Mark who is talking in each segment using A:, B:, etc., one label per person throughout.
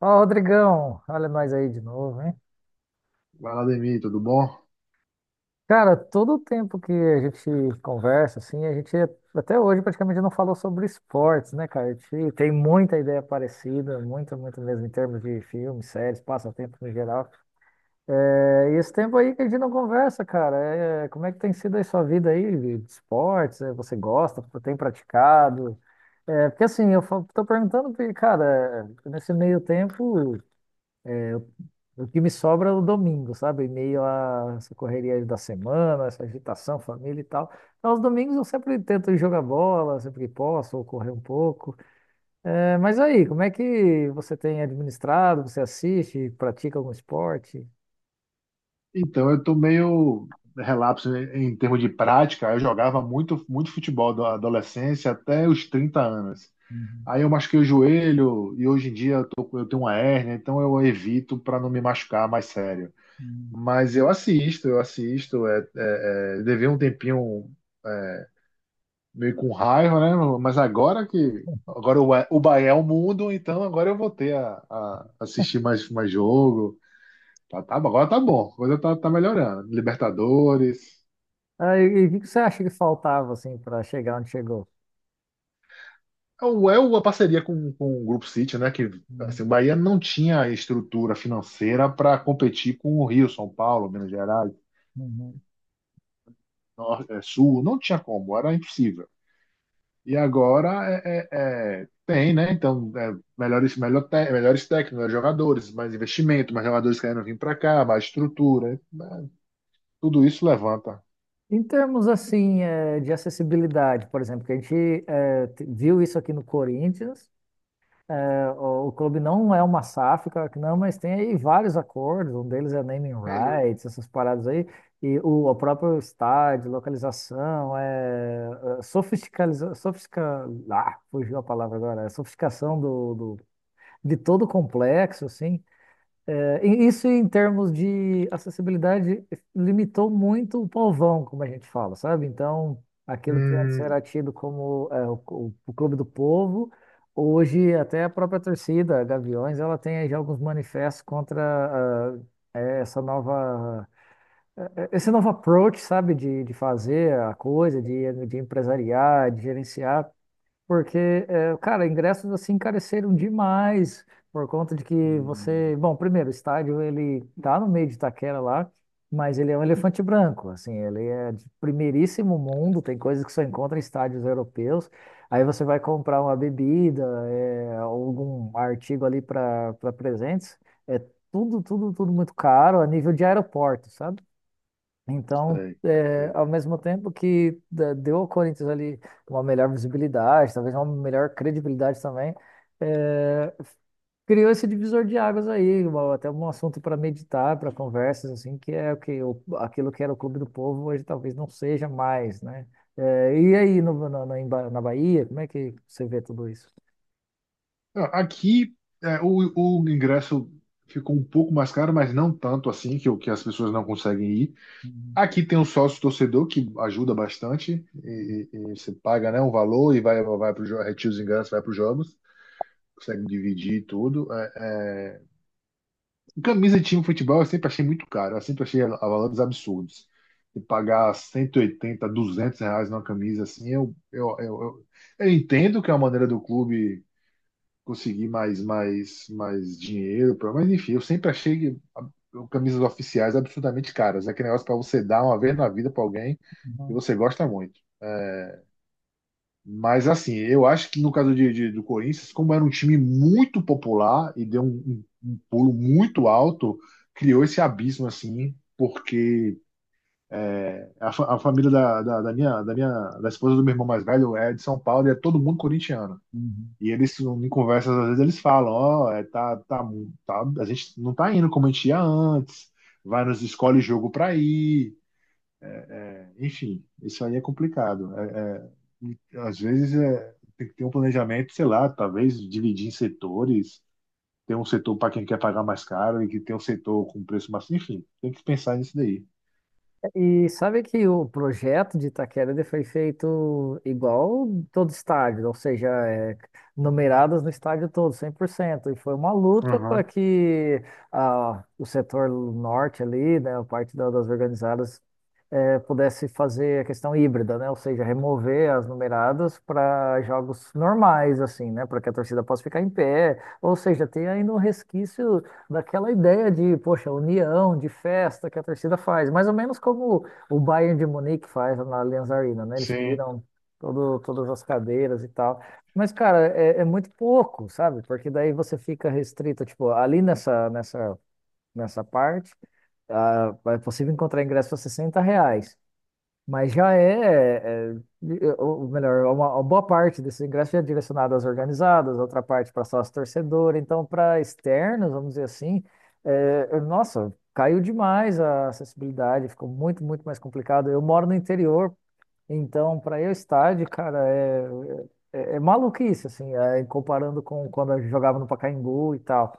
A: Ó, Rodrigão, olha nós aí de novo, hein?
B: Vai lá, Demi, tudo bom?
A: Cara, todo o tempo que a gente conversa, assim, a gente até hoje praticamente não falou sobre esportes, né, cara? A gente tem muita ideia parecida, muita, muito mesmo, em termos de filmes, séries, passatempo no geral. É, e esse tempo aí que a gente não conversa, cara, como é que tem sido aí sua vida aí de esportes? Você gosta? Tem praticado? Porque assim, eu tô perguntando porque, cara, nesse meio tempo. O que me sobra no domingo, sabe? Em meio a essa correria da semana, essa agitação, família e tal. Então, aos domingos eu sempre tento ir jogar bola, sempre que posso, ou correr um pouco. Mas aí, como é que você tem administrado? Você assiste, pratica algum esporte?
B: Então, eu tô meio relapso em termos de prática. Eu jogava muito futebol da adolescência até os 30 anos.
A: Uhum,
B: Aí eu machuquei o joelho e hoje em dia eu tenho uma hérnia, então eu evito para não me machucar mais sério.
A: uhum.
B: Mas eu assisto, eu assisto. Levei um tempinho meio com raiva, né? Mas agora que. Agora o Bahia é o mundo, então agora eu vou ter a assistir mais jogo. Tá, tá, agora tá bom, a coisa tá melhorando. Libertadores.
A: Ah, e o que você acha que faltava, assim, para chegar onde chegou?
B: É uma parceria com o Grupo City, né? Que assim, o
A: Uhum,
B: Bahia não tinha estrutura financeira para competir com o Rio, São Paulo, Minas Gerais,
A: uhum.
B: Sul, não tinha como, era impossível. E agora tem, né? Então, melhores técnicos, melhores jogadores, mais investimento, mais jogadores querendo vir para cá, mais estrutura, né? Tudo isso levanta.
A: Em termos assim, de acessibilidade, por exemplo, que a gente viu isso aqui no Corinthians. O clube não é uma SAF, claro que não, mas tem aí vários acordos, um deles é naming
B: Uhum.
A: rights, essas paradas aí, e o próprio estádio, localização, é sofisticaliza, sofistica, fugiu a palavra agora. É sofisticação de todo o complexo, assim, e isso em termos de acessibilidade limitou muito o povão, como a gente fala, sabe? Então, aquilo que antes era
B: Hum,
A: tido como o clube do povo, hoje até a própria torcida, a Gaviões, ela tem aí já alguns manifestos contra ah, é, essa nova, esse novo approach, sabe? De fazer a coisa, de empresariar, de gerenciar. Porque, cara, ingressos assim encareceram demais por conta de que
B: hum,
A: você, bom, primeiro, o estádio ele tá no meio de Itaquera lá, mas ele é um elefante branco, assim, ele é de primeiríssimo mundo, tem coisas que só encontra em estádios europeus. Aí você vai comprar uma bebida, algum artigo ali para presentes, é tudo, tudo, tudo muito caro a nível de aeroporto, sabe? Então,
B: sei, sei.
A: ao mesmo tempo que deu ao Corinthians ali uma melhor visibilidade, talvez uma melhor credibilidade também, é, criou esse divisor de águas aí, até um assunto para meditar, para conversas, assim, que é o que aquilo que era o Clube do Povo hoje talvez não seja mais, né? E aí, na Bahia, como é que você vê tudo isso?
B: Ah, aqui o ingresso ficou um pouco mais caro, mas não tanto assim, que as pessoas não conseguem ir.
A: Uhum,
B: Aqui tem um sócio torcedor que ajuda bastante, e você paga, né, um valor e vai, vai para os retira os ingressos, vai para os jogos, consegue dividir tudo. É. Camisa de time de futebol eu sempre achei muito caro, eu sempre achei a valores absurdos. E pagar R$ 180, 200 numa camisa assim, eu entendo que é uma maneira do clube conseguir mais dinheiro. Mas enfim, eu sempre achei que camisas oficiais absurdamente caras. É aquele negócio para você dar uma vez na vida para alguém que
A: uhum,
B: você gosta muito. Mas assim, eu acho que no caso do Corinthians, como era um time muito popular e deu um pulo muito alto, criou esse abismo assim, porque a família da minha da esposa do meu irmão mais velho é de São Paulo e é todo mundo corintiano.
A: uhum.
B: E eles, em conversas, às vezes eles falam, ó, tá, a gente não tá indo como a gente ia antes, vai nos escolhe jogo pra ir, enfim, isso aí é complicado. Às vezes é, tem que ter um planejamento, sei lá, talvez dividir em setores, ter um setor para quem quer pagar mais caro e que tem um setor com preço mais, enfim, tem que pensar nisso daí.
A: E sabe que o projeto de Itaquera ele foi feito igual todo estádio, ou seja, numeradas no estádio todo, 100%. E foi uma luta para
B: Uhum.
A: que o setor norte ali, né, a parte das organizadas, pudesse fazer a questão híbrida, né? Ou seja, remover as numeradas para jogos normais, assim, né? Para que a torcida possa ficar em pé. Ou seja, tem ainda um resquício daquela ideia de, poxa, união, de festa que a torcida faz, mais ou menos como o Bayern de Munique faz na Allianz Arena, né? Eles
B: Sim,
A: tiram todas as cadeiras e tal. Mas, cara, é muito pouco, sabe? Porque daí você fica restrito, tipo, ali nessa parte. Ah, é possível encontrar ingressos a R$ 60, mas já ou melhor, uma boa parte desses ingressos é direcionado às organizadas, outra parte para sócio torcedor, então para externos, vamos dizer assim, nossa, caiu demais a acessibilidade, ficou muito, muito mais complicado. Eu moro no interior, então para eu estádio, cara, é maluquice, assim, comparando com quando eu jogava no Pacaembu e tal.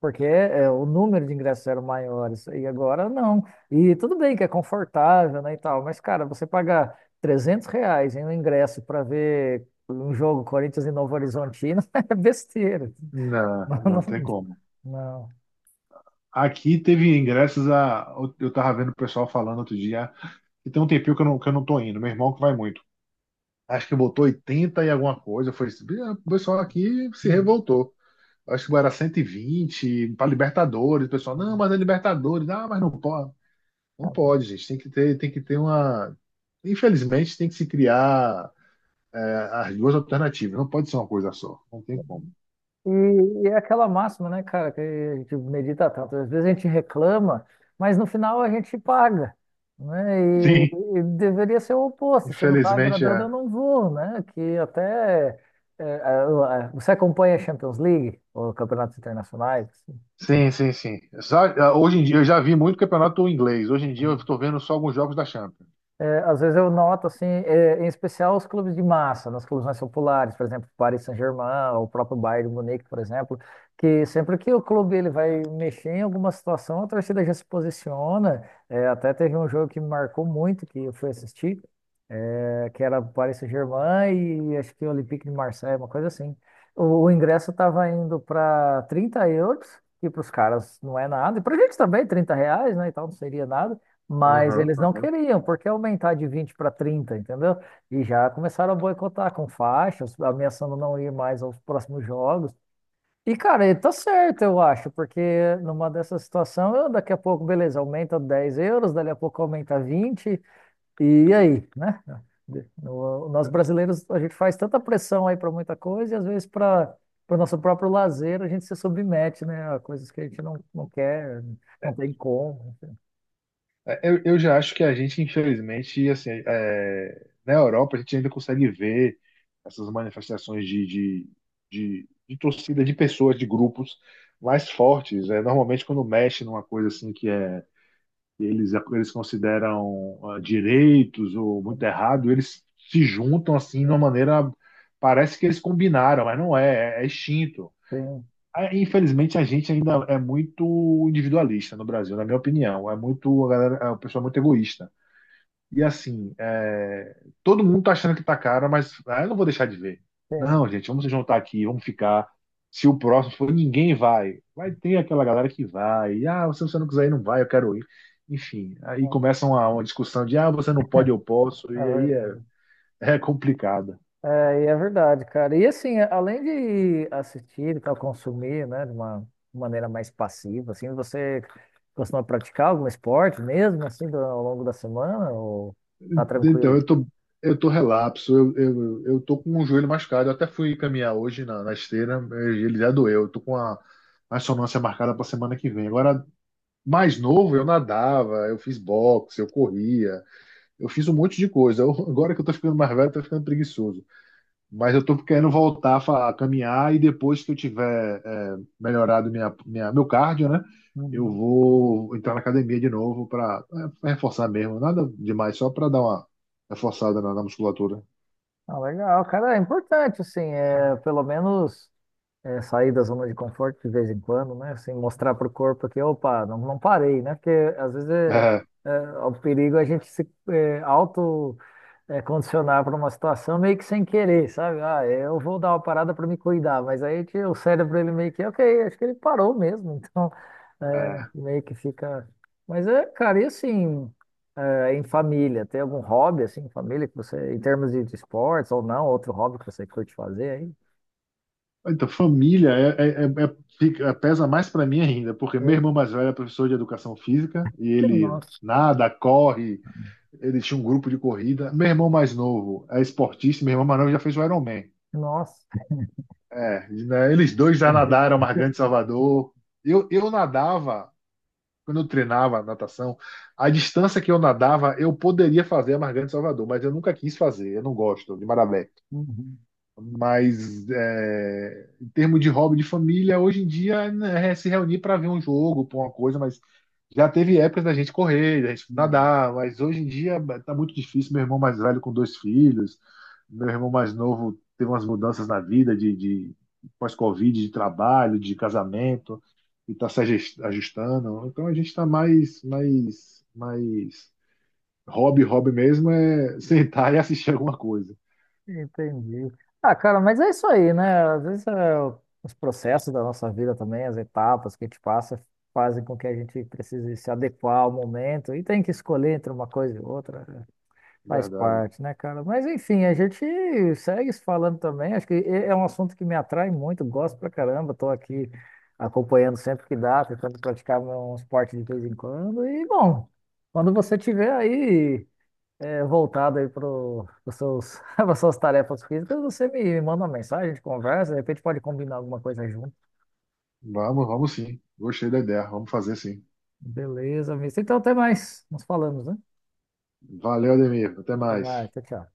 A: Porque o número de ingressos eram maiores e agora não. E tudo bem que é confortável, né, e tal, mas, cara, você pagar R$ 300 em um ingresso para ver um jogo Corinthians e Novo Horizontino é besteira.
B: não,
A: Não,
B: não tem
A: não,
B: como.
A: não.
B: Aqui teve ingressos a. Eu tava vendo o pessoal falando outro dia, e tem um tempinho que eu não tô indo, meu irmão que vai muito. Acho que botou 80 e alguma coisa. Foi, ah, o pessoal aqui se
A: Hum.
B: revoltou. Acho que era 120 para Libertadores. O pessoal,
A: Hum.
B: não, mas é Libertadores. Ah, mas não pode. Não pode, gente. Tem que ter uma. Infelizmente, tem que se criar é, as duas alternativas. Não pode ser uma coisa só. Não tem como.
A: E, e é aquela máxima, né, cara, que a gente medita tanto. Às vezes a gente reclama, mas no final a gente paga, né? E,
B: Sim,
A: e deveria ser o oposto. Se não está
B: infelizmente
A: agradando, eu
B: é.
A: não vou, né? Que até você acompanha a Champions League ou campeonatos internacionais, assim?
B: Sim, sim, sim. Sabe, hoje em dia eu já vi muito campeonato inglês. Hoje em dia eu estou vendo só alguns jogos da Champions.
A: É, às vezes eu noto, assim, em especial os clubes de massa, nos clubes mais populares, por exemplo, Paris Saint-Germain, o próprio Bayern de Munique, por exemplo, que sempre que o clube ele vai mexer em alguma situação, a torcida já se posiciona. É, até teve um jogo que me marcou muito, que eu fui assistir, que era Paris Saint-Germain e acho que o Olympique de Marseille, uma coisa assim. O ingresso estava indo para 30 euros, que para os caras não é nada, e para a gente também, 30 reais, né, e tal, não seria nada. Mas
B: Aham.
A: eles não queriam, porque aumentar de 20 para 30, entendeu? E já começaram a boicotar com faixas, ameaçando não ir mais aos próximos jogos. E, cara, ele tá certo, eu acho, porque numa dessa situação, eu, daqui a pouco, beleza, aumenta € 10, dali a pouco aumenta 20 e aí, né? Nós brasileiros, a gente faz tanta pressão aí para muita coisa, e às vezes para o nosso próprio lazer, a gente se submete, né, a coisas que a gente não quer, não tem como.
B: Eu já acho que a gente, infelizmente, assim, é, na Europa, a gente ainda consegue ver essas manifestações de torcida, de pessoas, de grupos mais fortes. É, normalmente, quando mexe numa coisa assim que eles consideram ah, direitos ou muito errado, eles se juntam assim de uma maneira. Parece que eles combinaram, mas não é extinto.
A: Sim,
B: Ah, infelizmente, a gente ainda é muito individualista no Brasil, na minha opinião. É muito, a galera, é uma pessoa muito egoísta. E assim, é, todo mundo tá achando que tá caro, mas ah, eu não vou deixar de ver.
A: sim.
B: Não, gente, vamos se juntar aqui, vamos ficar. Se o próximo for, ninguém vai. Vai ter aquela galera que vai. Ah, se você não quiser ir, não vai, eu quero ir. Enfim, aí começam uma discussão de ah, você não pode, eu posso,
A: É
B: e aí
A: verdade.
B: é, é complicada.
A: E é verdade, cara. E assim, além de assistir e tal, consumir, né, de uma maneira mais passiva, assim, você costuma praticar algum esporte mesmo, assim, ao longo da semana, ou tá
B: Então,
A: tranquilo?
B: eu tô, eu tô relapso, eu tô com um joelho machucado. Eu até fui caminhar hoje na esteira, ele já doeu. Eu tô com a ressonância marcada para semana que vem. Agora, mais novo, eu nadava, eu fiz boxe, eu corria, eu fiz um monte de coisa. Eu- agora que eu tô ficando mais velho, eu tô ficando preguiçoso. Mas eu tô querendo voltar a caminhar e depois que eu tiver é, melhorado meu cardio, né? Eu
A: Uhum.
B: vou entrar na academia de novo para reforçar mesmo. Nada demais, só para dar uma reforçada na musculatura.
A: Ah, legal, cara, é importante, assim, pelo menos. É, sair da zona de conforto de vez em quando, né? Assim, mostrar para o corpo que, opa, não, não parei, né? Porque às vezes
B: É,
A: é o perigo é a gente se auto condicionar para uma situação meio que sem querer, sabe? Ah, eu vou dar uma parada para me cuidar, mas aí que o cérebro ele meio que, ok, acho que ele parou mesmo, então
B: é.
A: meio que fica. Mas cara, e assim, em família, tem algum hobby assim, em família que você, em termos de esportes ou não, outro hobby que você curte fazer aí?
B: Então, família pesa mais para mim ainda, porque meu
A: Hum.
B: irmão mais velho é professor de educação física e ele
A: Nossa.
B: nada, corre. Ele tinha um grupo de corrida. Meu irmão mais novo é esportista, meu irmão mais novo já fez o Ironman.
A: Nossa.
B: É, né, eles dois já nadaram Margante de Salvador. Eu nadava, quando eu treinava natação, a distância que eu nadava, eu poderia fazer a Margante de Salvador, mas eu nunca quis fazer, eu não gosto de Marabé.
A: Uhum,
B: Mas é, em termos de hobby de família, hoje em dia, né, é se reunir para ver um jogo, para uma coisa, mas já teve épocas da gente correr, da gente
A: uhum.
B: nadar, mas hoje em dia tá muito difícil. Meu irmão mais velho com 2 filhos, meu irmão mais novo teve umas mudanças na vida de pós-Covid, de trabalho, de casamento, e está se ajustando. Então a gente está mais hobby, hobby mesmo é sentar e assistir alguma coisa.
A: Entendi. Ah, cara, mas é isso aí, né? Às vezes os processos da nossa vida também, as etapas que a gente passa, fazem com que a gente precise se adequar ao momento e tem que escolher entre uma coisa e outra, né?
B: É
A: Faz
B: verdade.
A: parte, né, cara? Mas enfim, a gente segue se falando também. Acho que é um assunto que me atrai muito, gosto pra caramba. Tô aqui acompanhando sempre que dá, tentando praticar um esporte de vez em quando. E, bom, quando você tiver aí, voltado aí para os seus, para suas tarefas físicas, você me manda uma mensagem, a gente conversa, de repente pode combinar alguma coisa junto.
B: Vamos, vamos sim. Gostei da ideia. Vamos fazer sim.
A: Beleza, mister. Então até mais. Nos falamos, né?
B: Valeu, Ademir. Até
A: Até
B: mais.
A: mais. Tchau, tchau.